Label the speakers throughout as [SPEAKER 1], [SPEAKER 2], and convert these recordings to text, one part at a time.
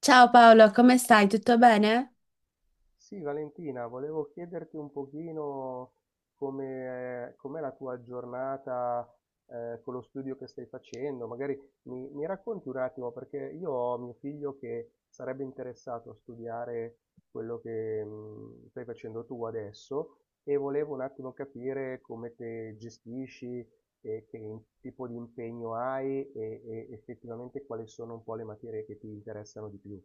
[SPEAKER 1] Ciao Paolo, come stai? Tutto bene?
[SPEAKER 2] Sì, Valentina, volevo chiederti un pochino come, com'è la tua giornata con lo studio che stai facendo. Magari mi racconti un attimo, perché io ho mio figlio che sarebbe interessato a studiare quello che stai facendo tu adesso e volevo un attimo capire come te gestisci e che tipo di impegno hai e effettivamente quali sono un po' le materie che ti interessano di più.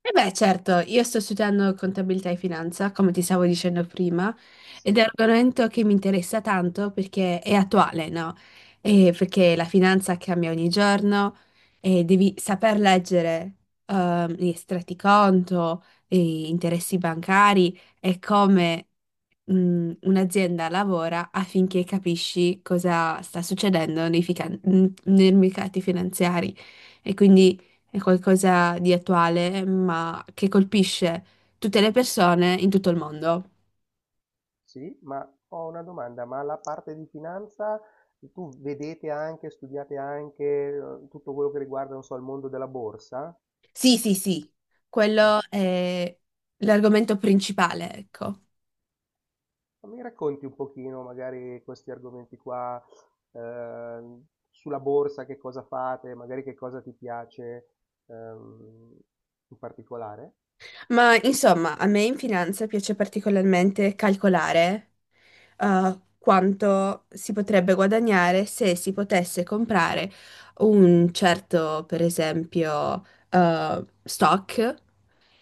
[SPEAKER 1] E beh, certo, io sto studiando contabilità e finanza, come ti stavo dicendo prima, ed è un
[SPEAKER 2] Sì?
[SPEAKER 1] argomento che mi interessa tanto perché è attuale, no? E perché la finanza cambia ogni giorno e devi saper leggere gli estratti conto, gli interessi bancari e come un'azienda lavora affinché capisci cosa sta succedendo nei mercati finanziari e quindi è qualcosa di attuale, ma che colpisce tutte le persone in tutto il mondo.
[SPEAKER 2] Sì, ma ho una domanda, ma la parte di finanza studiate anche tutto quello che riguarda, non so, il mondo della borsa?
[SPEAKER 1] Sì, sì, sì,
[SPEAKER 2] Ah,
[SPEAKER 1] quello è l'argomento principale, ecco.
[SPEAKER 2] ma mi racconti un pochino magari questi argomenti qua, ehm, sulla borsa, che cosa fate, magari che cosa ti piace, ehm, in particolare?
[SPEAKER 1] Ma insomma, a me in finanza piace particolarmente calcolare quanto si potrebbe guadagnare se si potesse comprare un certo, per esempio, stock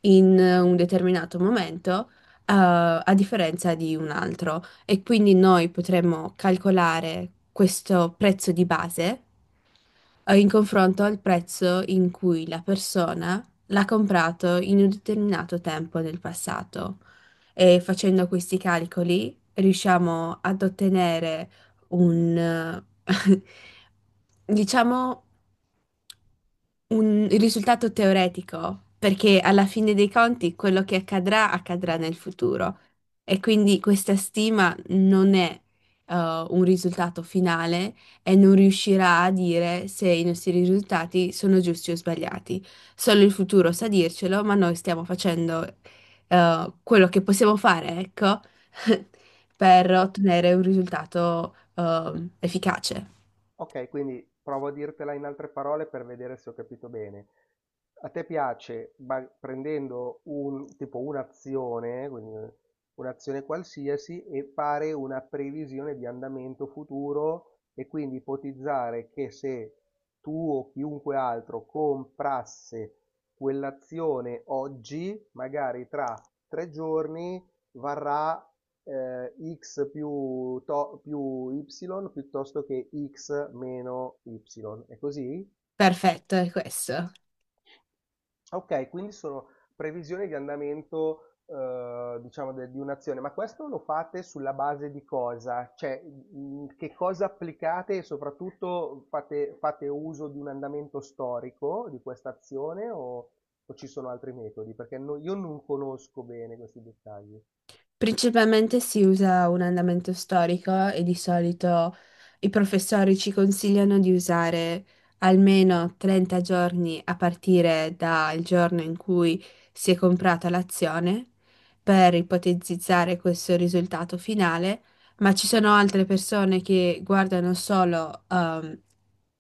[SPEAKER 1] in un determinato momento, a differenza di un altro. E quindi noi potremmo calcolare questo prezzo di base in confronto al prezzo in cui la persona l'ha comprato in un determinato tempo nel passato. E facendo questi calcoli riusciamo ad ottenere un diciamo, un risultato teoretico, perché alla fine dei conti quello che accadrà accadrà nel futuro e quindi questa stima non è eh, un risultato finale e non riuscirà a dire se i nostri risultati sono giusti o sbagliati. Solo il futuro sa dircelo, ma noi stiamo facendo quello che possiamo fare, ecco, per ottenere un risultato efficace.
[SPEAKER 2] Ok, quindi provo a dirtela in altre parole per vedere se ho capito bene. A te piace, prendendo un, tipo un'azione, quindi un'azione qualsiasi, e fare una previsione di andamento futuro e quindi ipotizzare che se tu o chiunque altro comprasse quell'azione oggi, magari tra tre giorni, varrà eh, x più, più y piuttosto che x meno y. È così?
[SPEAKER 1] Perfetto, è questo.
[SPEAKER 2] Ok, quindi sono previsioni di andamento, diciamo, di un'azione, ma questo lo fate sulla base di cosa? Cioè, che cosa applicate e soprattutto fate uso di un andamento storico di questa azione o ci sono altri metodi? Perché io non conosco bene questi dettagli.
[SPEAKER 1] Principalmente si usa un andamento storico e di solito i professori ci consigliano di usare almeno 30 giorni a partire dal giorno in cui si è comprata l'azione per ipotizzare questo risultato finale, ma ci sono altre persone che guardano solo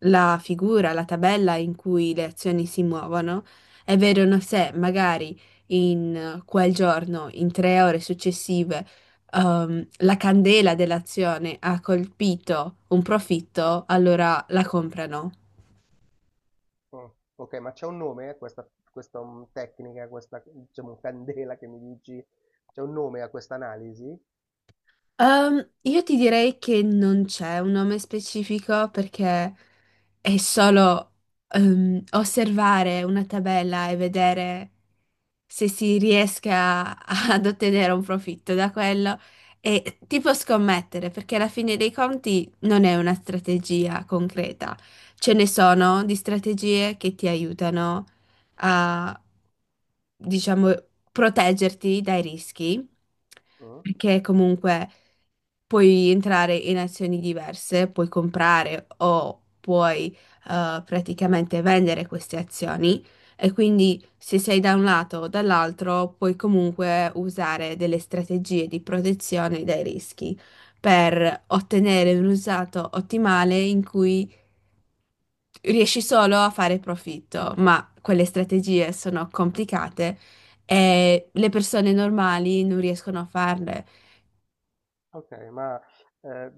[SPEAKER 1] la figura, la tabella in cui le azioni si muovono e vedono se magari in quel giorno, in tre ore successive, la candela dell'azione ha colpito un profitto, allora la comprano.
[SPEAKER 2] Mm. Ok, ma c'è un nome a questa tecnica, a questa, diciamo, candela che mi dici? C'è un nome a questa analisi?
[SPEAKER 1] Io ti direi che non c'è un nome specifico perché è solo osservare una tabella e vedere se si riesca a- ad ottenere un profitto da quello e tipo scommettere, perché alla fine dei conti non è una strategia concreta. Ce ne sono di strategie che ti aiutano a, diciamo, proteggerti dai rischi
[SPEAKER 2] Mm?
[SPEAKER 1] perché comunque puoi entrare in azioni diverse, puoi comprare o puoi praticamente vendere queste azioni e quindi se sei da un lato o dall'altro puoi comunque usare delle strategie di protezione dai rischi per ottenere un risultato ottimale in cui riesci solo a fare profitto, ma quelle strategie sono complicate e le persone normali non riescono a farle.
[SPEAKER 2] Ok, ma eh,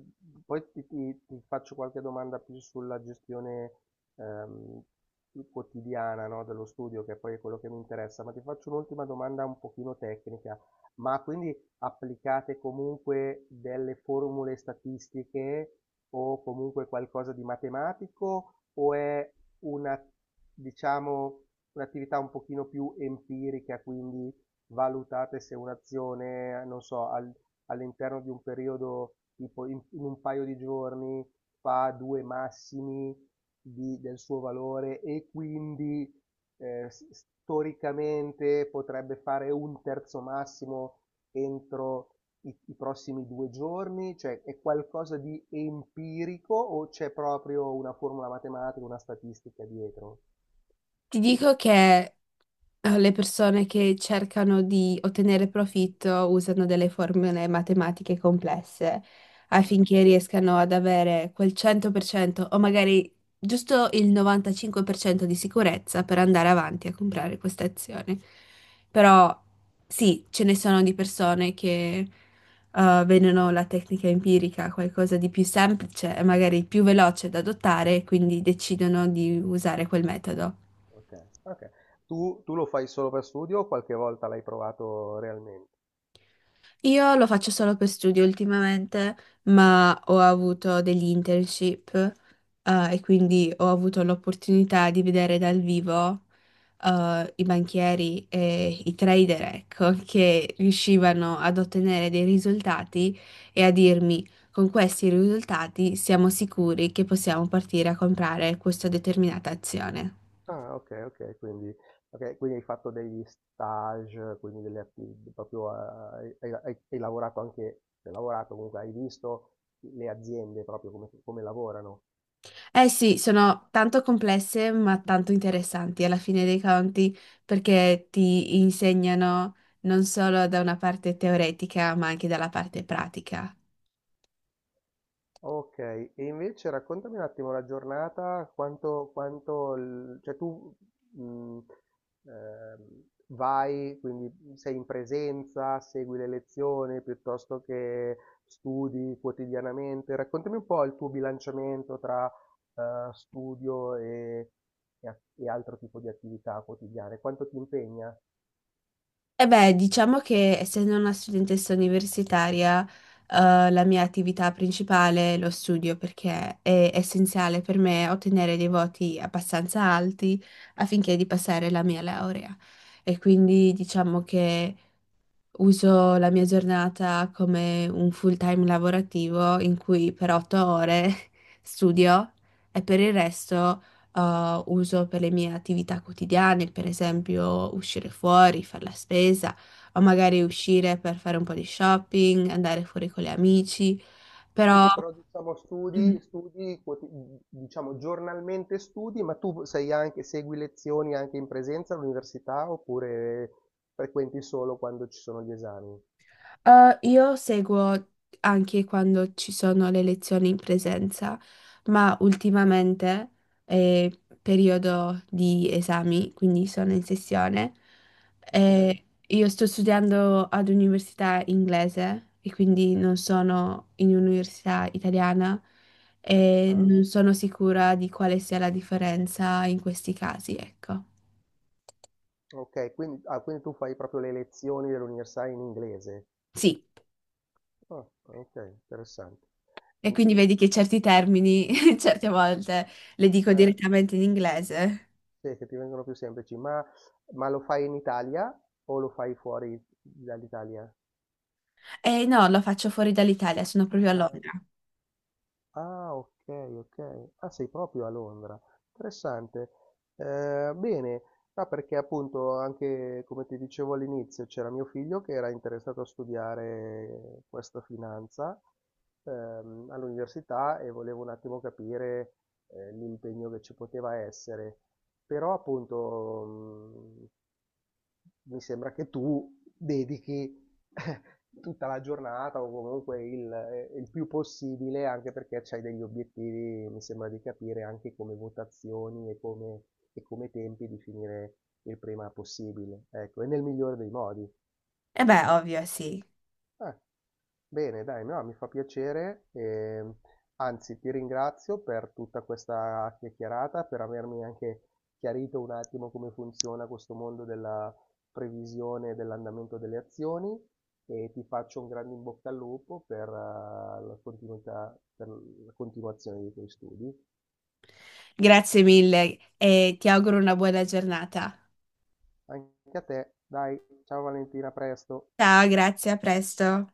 [SPEAKER 2] poi ti faccio qualche domanda più sulla gestione ehm, più quotidiana, no, dello studio, che poi è quello che mi interessa, ma ti faccio un'ultima domanda un pochino tecnica. Ma quindi applicate comunque delle formule statistiche o comunque qualcosa di matematico o è una, diciamo, un'attività un pochino più empirica, quindi valutate se un'azione, non so, al all'interno di un periodo, tipo in un paio di giorni, fa due massimi del suo valore e quindi storicamente potrebbe fare un terzo massimo entro i prossimi due giorni? Cioè è qualcosa di empirico o c'è proprio una formula matematica, una statistica dietro?
[SPEAKER 1] Ti dico che le persone che cercano di ottenere profitto usano delle formule matematiche complesse
[SPEAKER 2] Ok,
[SPEAKER 1] affinché riescano ad avere quel 100% o magari giusto il 95% di sicurezza per andare avanti a comprare queste azioni. Però sì, ce ne sono di persone che vedono la tecnica empirica qualcosa di più semplice e magari più veloce da adottare, quindi decidono di usare quel metodo.
[SPEAKER 2] ok. Ok. Tu, tu lo fai solo per studio o qualche volta l'hai provato realmente?
[SPEAKER 1] Io lo faccio solo per studio ultimamente, ma ho avuto degli internship, e quindi ho avuto l'opportunità di vedere dal vivo, i banchieri e i trader, ecco, che riuscivano ad ottenere dei risultati e a dirmi, con questi risultati siamo sicuri che possiamo partire a comprare questa determinata azione.
[SPEAKER 2] Ah, okay, okay, quindi hai fatto degli stage, quindi delle atti proprio a hai lavorato anche, cioè lavorato, comunque hai visto le aziende proprio come come lavorano.
[SPEAKER 1] Eh sì, sono tanto complesse ma tanto interessanti alla fine dei conti perché ti insegnano non solo da una parte teoretica ma anche dalla parte pratica.
[SPEAKER 2] Ok, e invece raccontami un attimo la giornata, quanto cioè tu mh, vai, quindi sei in presenza, segui le lezioni piuttosto che studi quotidianamente. Raccontami un po' il tuo bilanciamento tra studio e, e altro tipo di attività quotidiane, quanto ti impegna?
[SPEAKER 1] E beh, diciamo che essendo una studentessa universitaria, la mia attività principale è lo studio perché è essenziale per me ottenere dei voti abbastanza alti affinché di passare la mia laurea. E quindi diciamo che uso la mia giornata come un full-time lavorativo in cui per 8 ore studio e per il resto uso per le mie attività quotidiane, per esempio uscire fuori, fare la spesa o magari uscire per fare un po' di shopping, andare fuori con gli amici,
[SPEAKER 2] Sì,
[SPEAKER 1] però...
[SPEAKER 2] sì, però diciamo diciamo giornalmente studi, ma tu sei anche, segui lezioni anche in presenza all'università oppure frequenti solo quando ci sono gli esami?
[SPEAKER 1] Io seguo anche quando ci sono le lezioni in presenza, ma ultimamente è periodo di esami, quindi sono in sessione.
[SPEAKER 2] Ok.
[SPEAKER 1] E io sto studiando ad università inglese e quindi non sono in un'università italiana e
[SPEAKER 2] Ah,
[SPEAKER 1] non sono sicura di quale sia la differenza in questi casi, ecco.
[SPEAKER 2] ok, quindi, ah, quindi tu fai proprio le lezioni dell'università in inglese.
[SPEAKER 1] Sì.
[SPEAKER 2] Ah, ok, interessante.
[SPEAKER 1] E
[SPEAKER 2] Mm,
[SPEAKER 1] quindi
[SPEAKER 2] mm,
[SPEAKER 1] vedi che certi termini, certe volte, le dico
[SPEAKER 2] eh,
[SPEAKER 1] direttamente in inglese.
[SPEAKER 2] sì, che ti vengono più semplici, ma lo fai in Italia o lo fai fuori dall'Italia?
[SPEAKER 1] E no, lo faccio fuori dall'Italia, sono proprio a Londra.
[SPEAKER 2] Ah, okay, okay. Ah, sei proprio a Londra. Interessante. Bene, no, perché appunto anche, come ti dicevo all'inizio, c'era mio figlio che era interessato a studiare questa finanza, all'università e volevo un attimo capire, l'impegno che ci poteva essere. Però appunto, mh, mi sembra che tu dedichi eh, tutta la giornata o comunque il più possibile, anche perché c'hai degli obiettivi, mi sembra di capire, anche come votazioni e come tempi di finire il prima possibile, ecco, e nel migliore dei modi.
[SPEAKER 1] E beh, ovvio, sì.
[SPEAKER 2] Eh, bene, dai, no, mi fa piacere, anzi ti ringrazio per tutta questa chiacchierata, per avermi anche chiarito un attimo come funziona questo mondo della previsione dell'andamento delle azioni e ti faccio un grande in bocca al lupo per, la continuità, per la continuazione dei tuoi studi.
[SPEAKER 1] Grazie mille e ti auguro una buona giornata.
[SPEAKER 2] Anche a te, dai, ciao Valentina, a presto.
[SPEAKER 1] Ciao, grazie, a presto.